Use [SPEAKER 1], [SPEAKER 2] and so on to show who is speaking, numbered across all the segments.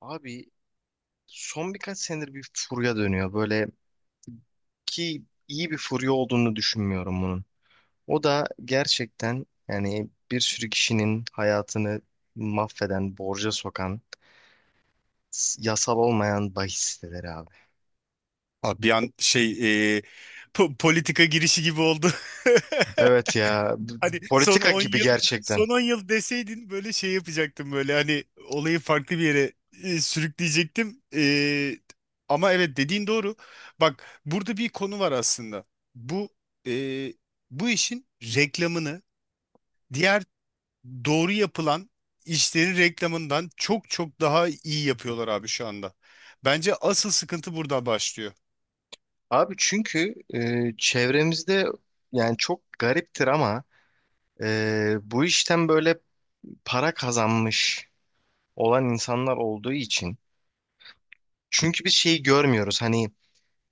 [SPEAKER 1] Abi son birkaç senedir bir furya dönüyor böyle ki iyi bir furya olduğunu düşünmüyorum bunun. O da gerçekten yani bir sürü kişinin hayatını mahveden, borca sokan, yasal olmayan bahis siteleri abi.
[SPEAKER 2] Abi bir an şey e, politika girişi gibi oldu.
[SPEAKER 1] Evet ya
[SPEAKER 2] Hani son
[SPEAKER 1] politika
[SPEAKER 2] on
[SPEAKER 1] gibi
[SPEAKER 2] yıl
[SPEAKER 1] gerçekten.
[SPEAKER 2] son on yıl deseydin böyle şey yapacaktım, böyle hani olayı farklı bir yere sürükleyecektim. Ama evet, dediğin doğru. Bak, burada bir konu var aslında. Bu e, bu işin reklamını, diğer doğru yapılan işlerin reklamından çok çok daha iyi yapıyorlar abi şu anda. Bence asıl sıkıntı burada başlıyor.
[SPEAKER 1] Abi çünkü çevremizde yani çok gariptir ama bu işten böyle para kazanmış olan insanlar olduğu için. Çünkü biz şeyi görmüyoruz hani,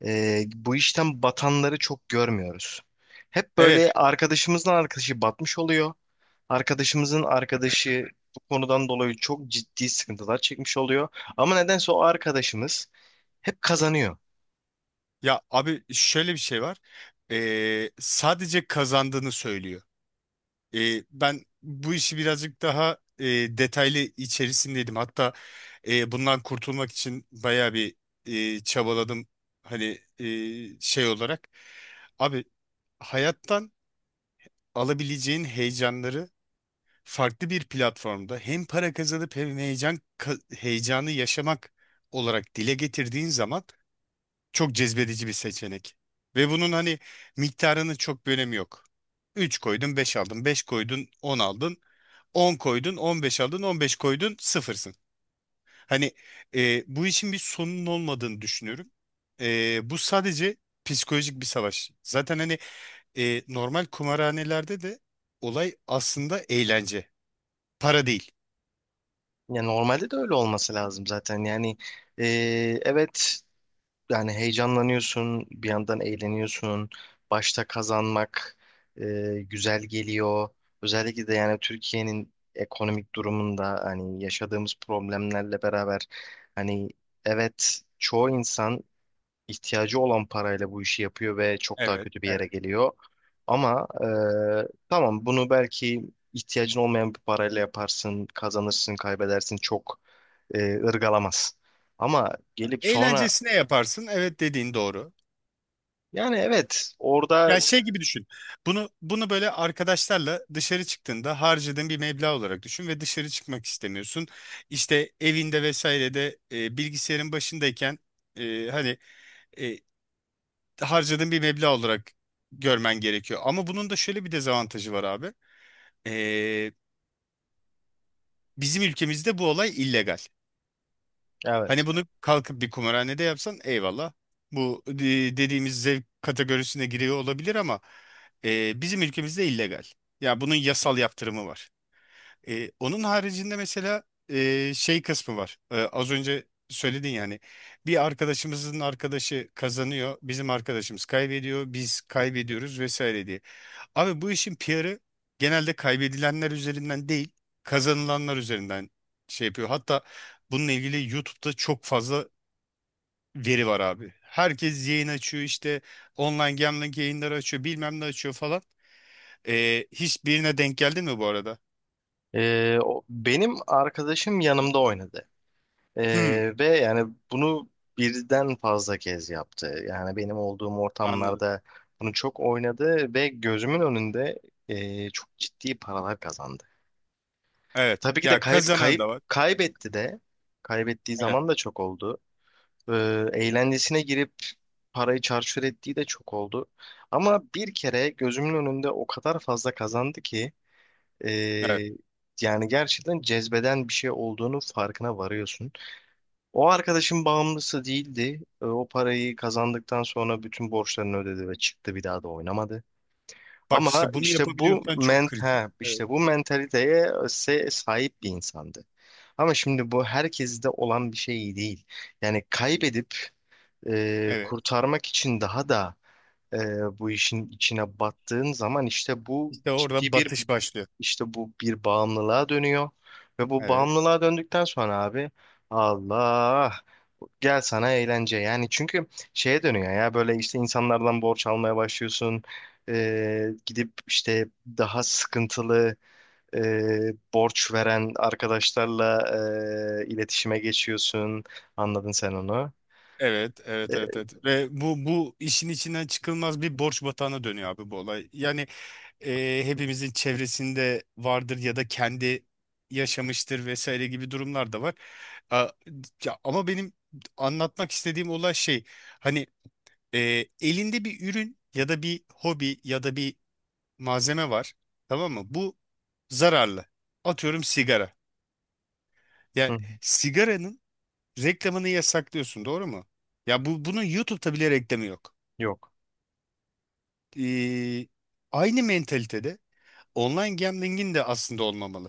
[SPEAKER 1] bu işten batanları çok görmüyoruz. Hep
[SPEAKER 2] Evet.
[SPEAKER 1] böyle arkadaşımızın arkadaşı batmış oluyor. Arkadaşımızın arkadaşı bu konudan dolayı çok ciddi sıkıntılar çekmiş oluyor. Ama nedense o arkadaşımız hep kazanıyor.
[SPEAKER 2] Ya abi, şöyle bir şey var. Sadece kazandığını söylüyor. Ben bu işi birazcık daha detaylı içerisindeydim. Hatta bundan kurtulmak için bayağı bir çabaladım. Hani şey olarak. Abi, hayattan alabileceğin heyecanları farklı bir platformda hem para kazanıp hem heyecanı yaşamak olarak dile getirdiğin zaman çok cezbedici bir seçenek. Ve bunun hani miktarının çok bir önemi yok. 3 koydun, 5 aldın. Beş koydun, 10 aldın. On koydun, 15 aldın. On beş koydun, sıfırsın. Hani bu işin bir sonunun olmadığını düşünüyorum. Bu sadece psikolojik bir savaş. Zaten hani normal kumarhanelerde de olay aslında eğlence. Para değil.
[SPEAKER 1] Yani normalde de öyle olması lazım zaten. Yani e, evet, yani heyecanlanıyorsun, bir yandan eğleniyorsun. Başta kazanmak e, güzel geliyor. Özellikle de yani Türkiye'nin ekonomik durumunda hani yaşadığımız problemlerle beraber hani evet çoğu insan ihtiyacı olan parayla bu işi yapıyor ve çok daha
[SPEAKER 2] Evet,
[SPEAKER 1] kötü bir yere
[SPEAKER 2] evet.
[SPEAKER 1] geliyor. Ama tamam, bunu belki ihtiyacın olmayan bir parayla yaparsın, kazanırsın, kaybedersin, çok ırgalamaz. Ama gelip sonra.
[SPEAKER 2] Eğlencesine yaparsın. Evet, dediğin doğru.
[SPEAKER 1] Yani evet orada.
[SPEAKER 2] Ya şey gibi düşün. Bunu böyle arkadaşlarla dışarı çıktığında harcadığın bir meblağ olarak düşün ve dışarı çıkmak istemiyorsun. İşte evinde vesairede bilgisayarın başındayken hani e, harcadığın bir meblağ olarak görmen gerekiyor. Ama bunun da şöyle bir dezavantajı var abi. E, Bizim ülkemizde bu olay illegal.
[SPEAKER 1] Evet.
[SPEAKER 2] Hani bunu kalkıp bir kumarhanede yapsan eyvallah. Bu dediğimiz zevk kategorisine giriyor olabilir ama bizim ülkemizde illegal. Ya bunun yasal yaptırımı var. Onun haricinde mesela şey kısmı var. Az önce söyledin yani. Bir arkadaşımızın arkadaşı kazanıyor, bizim arkadaşımız kaybediyor, biz kaybediyoruz vesaire diye. Abi, bu işin PR'ı genelde kaybedilenler üzerinden değil, kazanılanlar üzerinden şey yapıyor. Hatta bununla ilgili YouTube'da çok fazla veri var abi. Herkes yayın açıyor işte, online gambling yayınları açıyor, bilmem ne açıyor falan. Hiçbirine denk geldin mi bu arada?
[SPEAKER 1] Benim arkadaşım yanımda oynadı.
[SPEAKER 2] Hmm,
[SPEAKER 1] Ve yani bunu birden fazla kez yaptı. Yani benim olduğum
[SPEAKER 2] anladım.
[SPEAKER 1] ortamlarda bunu çok oynadı ve gözümün önünde çok ciddi paralar kazandı.
[SPEAKER 2] Evet.
[SPEAKER 1] Tabii ki de
[SPEAKER 2] Ya,
[SPEAKER 1] kayıp
[SPEAKER 2] kazanan
[SPEAKER 1] kayıp
[SPEAKER 2] da var.
[SPEAKER 1] kaybetti de, kaybettiği
[SPEAKER 2] Evet,
[SPEAKER 1] zaman da çok oldu. Ee, Eğlencesine girip parayı çarçur ettiği de çok oldu. Ama bir kere gözümün önünde o kadar fazla kazandı ki.
[SPEAKER 2] evet.
[SPEAKER 1] Ee, Yani gerçekten cezbeden bir şey olduğunu farkına varıyorsun. O arkadaşın bağımlısı değildi. O parayı kazandıktan sonra bütün borçlarını ödedi ve çıktı, bir daha da oynamadı.
[SPEAKER 2] Bak
[SPEAKER 1] Ama
[SPEAKER 2] işte, bunu
[SPEAKER 1] işte
[SPEAKER 2] yapabiliyorsan çok kritik. Evet.
[SPEAKER 1] işte bu mentaliteye sahip bir insandı. Ama şimdi bu herkeste olan bir şey değil. Yani kaybedip
[SPEAKER 2] Evet.
[SPEAKER 1] kurtarmak için daha da e, bu işin içine battığın zaman, işte bu
[SPEAKER 2] İşte orada
[SPEAKER 1] ciddi bir
[SPEAKER 2] batış başlıyor.
[SPEAKER 1] işte bu bir bağımlılığa dönüyor ve bu
[SPEAKER 2] Evet.
[SPEAKER 1] bağımlılığa döndükten sonra abi, Allah gel sana eğlence, yani çünkü şeye dönüyor ya böyle, işte insanlardan borç almaya başlıyorsun, gidip işte daha sıkıntılı, e, borç veren arkadaşlarla iletişime geçiyorsun. Anladın sen onu.
[SPEAKER 2] Evet, evet, evet,
[SPEAKER 1] E,
[SPEAKER 2] evet. Ve bu işin içinden çıkılmaz bir borç batağına dönüyor abi bu olay. Yani hepimizin çevresinde vardır ya da kendi yaşamıştır vesaire gibi durumlar da var. A- Ya, ama benim anlatmak istediğim olay şey, hani elinde bir ürün ya da bir hobi ya da bir malzeme var, tamam mı? Bu zararlı. Atıyorum, sigara.
[SPEAKER 1] hı,
[SPEAKER 2] Ya
[SPEAKER 1] hı.
[SPEAKER 2] sigaranın reklamını yasaklıyorsun, doğru mu? Ya bu, bunun YouTube'da bile reklamı yok.
[SPEAKER 1] Yok.
[SPEAKER 2] Ee, Aynı mentalitede online gambling'in de aslında olmamalı.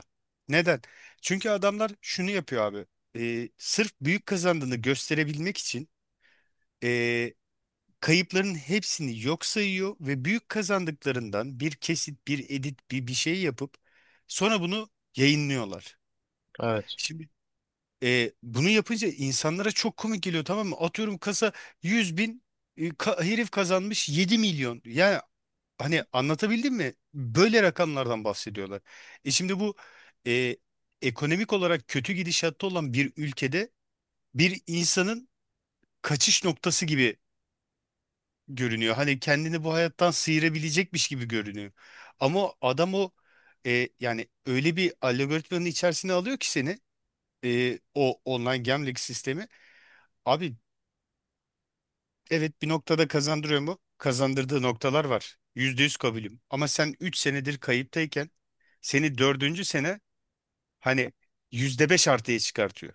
[SPEAKER 2] Neden? Çünkü adamlar şunu yapıyor abi. Sırf büyük kazandığını gösterebilmek için ee, kayıpların hepsini yok sayıyor ve büyük kazandıklarından bir kesit, bir edit, bir şey yapıp sonra bunu yayınlıyorlar.
[SPEAKER 1] Evet.
[SPEAKER 2] Şimdi bunu yapınca insanlara çok komik geliyor, tamam mı? Atıyorum, kasa 100 bin, herif kazanmış 7 milyon. Yani, hani, anlatabildim mi? Böyle rakamlardan bahsediyorlar. Şimdi bu e, ekonomik olarak kötü gidişatta olan bir ülkede, bir insanın kaçış noktası gibi görünüyor. Hani kendini bu hayattan sıyırabilecekmiş gibi görünüyor. Ama o adam, o yani öyle bir algoritmanın içerisine alıyor ki seni o online gambling sistemi. Abi, evet, bir noktada kazandırıyor mu? Kazandırdığı noktalar var. %100 kabulüm. Ama sen 3 senedir kayıptayken seni dördüncü sene hani %5 artıya çıkartıyor.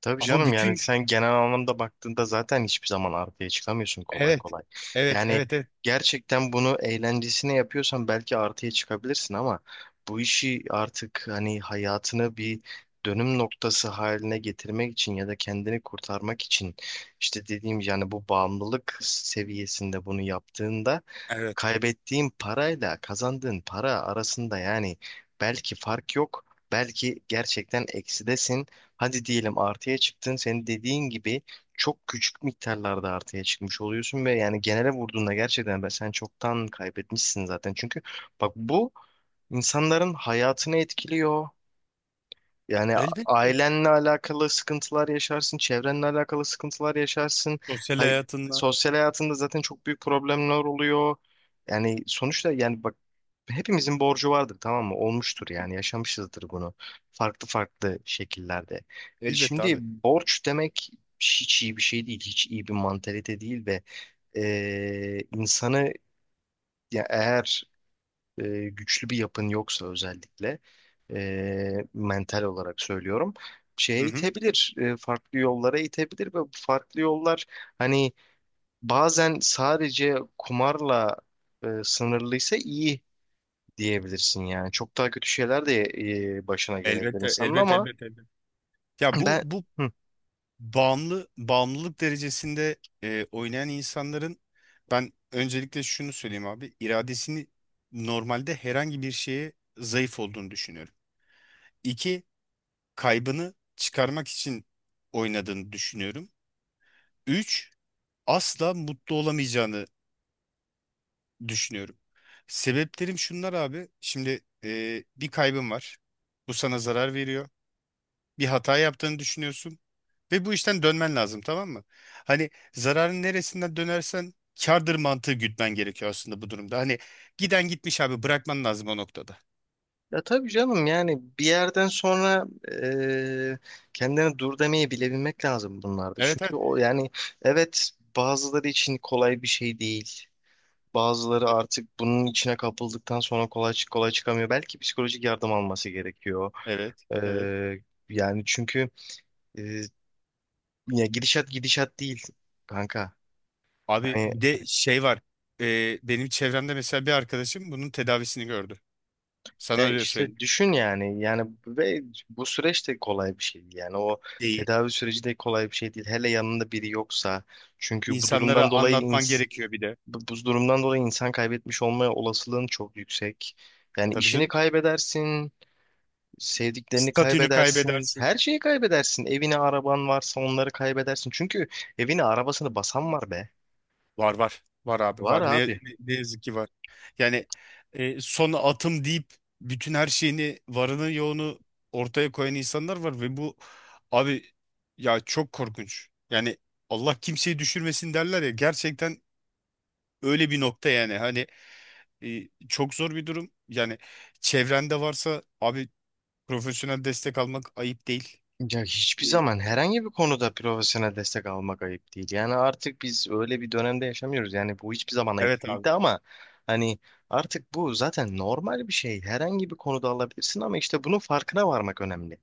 [SPEAKER 1] Tabii
[SPEAKER 2] Ama
[SPEAKER 1] canım, yani
[SPEAKER 2] bütün
[SPEAKER 1] sen genel anlamda baktığında zaten hiçbir zaman arkaya çıkamıyorsun kolay
[SPEAKER 2] Evet,
[SPEAKER 1] kolay.
[SPEAKER 2] evet,
[SPEAKER 1] Yani
[SPEAKER 2] evet, evet,
[SPEAKER 1] gerçekten bunu eğlencesine yapıyorsan belki artıya çıkabilirsin ama bu işi artık hani hayatını bir dönüm noktası haline getirmek için ya da kendini kurtarmak için, işte dediğim yani, bu bağımlılık seviyesinde bunu yaptığında
[SPEAKER 2] evet.
[SPEAKER 1] kaybettiğin parayla kazandığın para arasında yani belki fark yok. Belki gerçekten eksidesin. Hadi diyelim artıya çıktın. Senin dediğin gibi çok küçük miktarlarda artıya çıkmış oluyorsun ve yani genele vurduğunda gerçekten sen çoktan kaybetmişsin zaten. Çünkü bak, bu insanların hayatını etkiliyor. Yani
[SPEAKER 2] Elbette.
[SPEAKER 1] ailenle alakalı sıkıntılar yaşarsın, çevrenle alakalı sıkıntılar yaşarsın.
[SPEAKER 2] Sosyal
[SPEAKER 1] Hay
[SPEAKER 2] hayatında,
[SPEAKER 1] Sosyal hayatında zaten çok büyük problemler oluyor. Yani sonuçta, yani bak, hepimizin borcu vardır, tamam mı? Olmuştur yani, yaşamışızdır bunu. Farklı farklı şekillerde.
[SPEAKER 2] elbette
[SPEAKER 1] Şimdi
[SPEAKER 2] abi.
[SPEAKER 1] borç demek hiç iyi bir şey değil. Hiç iyi bir mantalite değil ve insanı, ya eğer güçlü bir yapın yoksa, özellikle mental olarak söylüyorum, şeye
[SPEAKER 2] Hı hı.
[SPEAKER 1] itebilir, farklı yollara itebilir ve bu farklı yollar hani bazen sadece kumarla sınırlıysa iyi diyebilirsin yani. Çok daha kötü şeyler de başına gelebilir
[SPEAKER 2] Elbette,
[SPEAKER 1] insanın
[SPEAKER 2] elbette,
[SPEAKER 1] ama
[SPEAKER 2] elbette, elbette. Ya bu
[SPEAKER 1] ben.
[SPEAKER 2] bu
[SPEAKER 1] Hı.
[SPEAKER 2] bağımlı bağımlılık derecesinde oynayan insanların, ben öncelikle şunu söyleyeyim abi, iradesini normalde herhangi bir şeye zayıf olduğunu düşünüyorum. İki, kaybını çıkarmak için oynadığını düşünüyorum. Üç, asla mutlu olamayacağını düşünüyorum. Sebeplerim şunlar abi. Şimdi bir kaybın var. Bu sana zarar veriyor. Bir hata yaptığını düşünüyorsun. Ve bu işten dönmen lazım, tamam mı? Hani zararın neresinden dönersen kârdır mantığı gütmen gerekiyor aslında bu durumda. Hani giden gitmiş abi, bırakman lazım o noktada.
[SPEAKER 1] Ya tabii canım, yani bir yerden sonra eee kendine dur demeyi bilebilmek lazım bunlarda.
[SPEAKER 2] Evet,
[SPEAKER 1] Çünkü
[SPEAKER 2] evet.
[SPEAKER 1] o yani, evet, bazıları için kolay bir şey değil. Bazıları artık bunun içine kapıldıktan sonra kolay çıkamıyor. Belki psikolojik yardım alması gerekiyor.
[SPEAKER 2] Evet, evet.
[SPEAKER 1] Eee, Yani çünkü, eee, ya gidişat değil kanka.
[SPEAKER 2] Abi,
[SPEAKER 1] Hani.
[SPEAKER 2] bir de şey var. Benim çevremde mesela bir arkadaşım bunun tedavisini gördü. Sana
[SPEAKER 1] Ya
[SPEAKER 2] öyle
[SPEAKER 1] işte
[SPEAKER 2] söyleyeyim.
[SPEAKER 1] düşün, yani ve bu süreç de kolay bir şey değil, yani o
[SPEAKER 2] Değil.
[SPEAKER 1] tedavi süreci de kolay bir şey değil, hele yanında biri yoksa, çünkü bu
[SPEAKER 2] İnsanlara
[SPEAKER 1] durumdan dolayı
[SPEAKER 2] anlatman
[SPEAKER 1] ins-
[SPEAKER 2] gerekiyor bir de.
[SPEAKER 1] bu bu durumdan dolayı insan kaybetmiş olma olasılığın çok yüksek. Yani
[SPEAKER 2] Tabii
[SPEAKER 1] işini
[SPEAKER 2] canım.
[SPEAKER 1] kaybedersin, sevdiklerini
[SPEAKER 2] Statünü
[SPEAKER 1] kaybedersin,
[SPEAKER 2] kaybedersin.
[SPEAKER 1] her şeyi kaybedersin, evini araban varsa onları kaybedersin, çünkü evini arabasını basan var be,
[SPEAKER 2] Var, var. Var abi,
[SPEAKER 1] var
[SPEAKER 2] var. Ne,
[SPEAKER 1] abi.
[SPEAKER 2] ne, ne yazık ki var. Yani son atım deyip bütün her şeyini, varını yoğunu ortaya koyan insanlar var ve bu abi, ya, çok korkunç. Yani Allah kimseyi düşürmesin derler ya, gerçekten öyle bir nokta yani. Hani çok zor bir durum. Yani çevrende varsa abi, profesyonel destek almak ayıp değil.
[SPEAKER 1] Ya hiçbir
[SPEAKER 2] E,
[SPEAKER 1] zaman herhangi bir konuda profesyonel destek almak ayıp değil. Yani artık biz öyle bir dönemde yaşamıyoruz. Yani bu hiçbir zaman ayıp
[SPEAKER 2] evet abi.
[SPEAKER 1] değildi ama hani artık bu zaten normal bir şey. Herhangi bir konuda alabilirsin ama işte bunun farkına varmak önemli.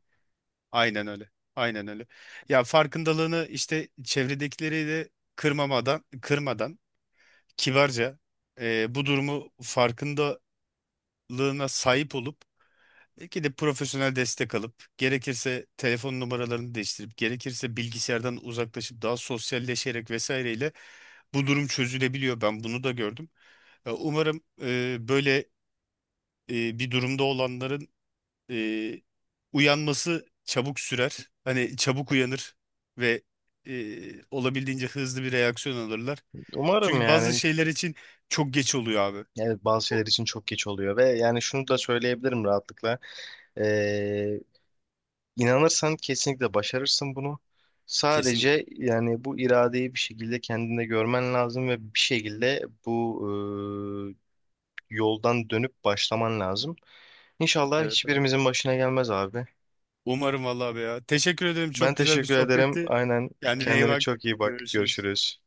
[SPEAKER 2] Aynen öyle. Aynen öyle. Ya farkındalığını işte, çevredekileri de kırmadan, kibarca bu durumu, farkındalığına sahip olup belki de profesyonel destek alıp, gerekirse telefon numaralarını değiştirip, gerekirse bilgisayardan uzaklaşıp daha sosyalleşerek vesaireyle bu durum çözülebiliyor. Ben bunu da gördüm. Umarım böyle bir durumda olanların e, uyanması çabuk sürer. Hani çabuk uyanır ve olabildiğince hızlı bir reaksiyon alırlar.
[SPEAKER 1] Umarım
[SPEAKER 2] Çünkü bazı
[SPEAKER 1] yani.
[SPEAKER 2] şeyler için çok geç oluyor abi.
[SPEAKER 1] Evet, bazı şeyler için çok geç oluyor ve yani şunu da söyleyebilirim rahatlıkla. Ee, inanırsan kesinlikle başarırsın bunu.
[SPEAKER 2] Kesinlikle.
[SPEAKER 1] Sadece yani bu iradeyi bir şekilde kendinde görmen lazım ve bir şekilde bu yoldan dönüp başlaman lazım. İnşallah
[SPEAKER 2] Evet abi.
[SPEAKER 1] hiçbirimizin başına gelmez abi.
[SPEAKER 2] Umarım vallahi be ya. Teşekkür ederim.
[SPEAKER 1] Ben
[SPEAKER 2] Çok güzel bir
[SPEAKER 1] teşekkür ederim.
[SPEAKER 2] sohbetti.
[SPEAKER 1] Aynen.
[SPEAKER 2] Kendine iyi
[SPEAKER 1] Kendine
[SPEAKER 2] bak.
[SPEAKER 1] çok iyi bak.
[SPEAKER 2] Görüşürüz.
[SPEAKER 1] Görüşürüz.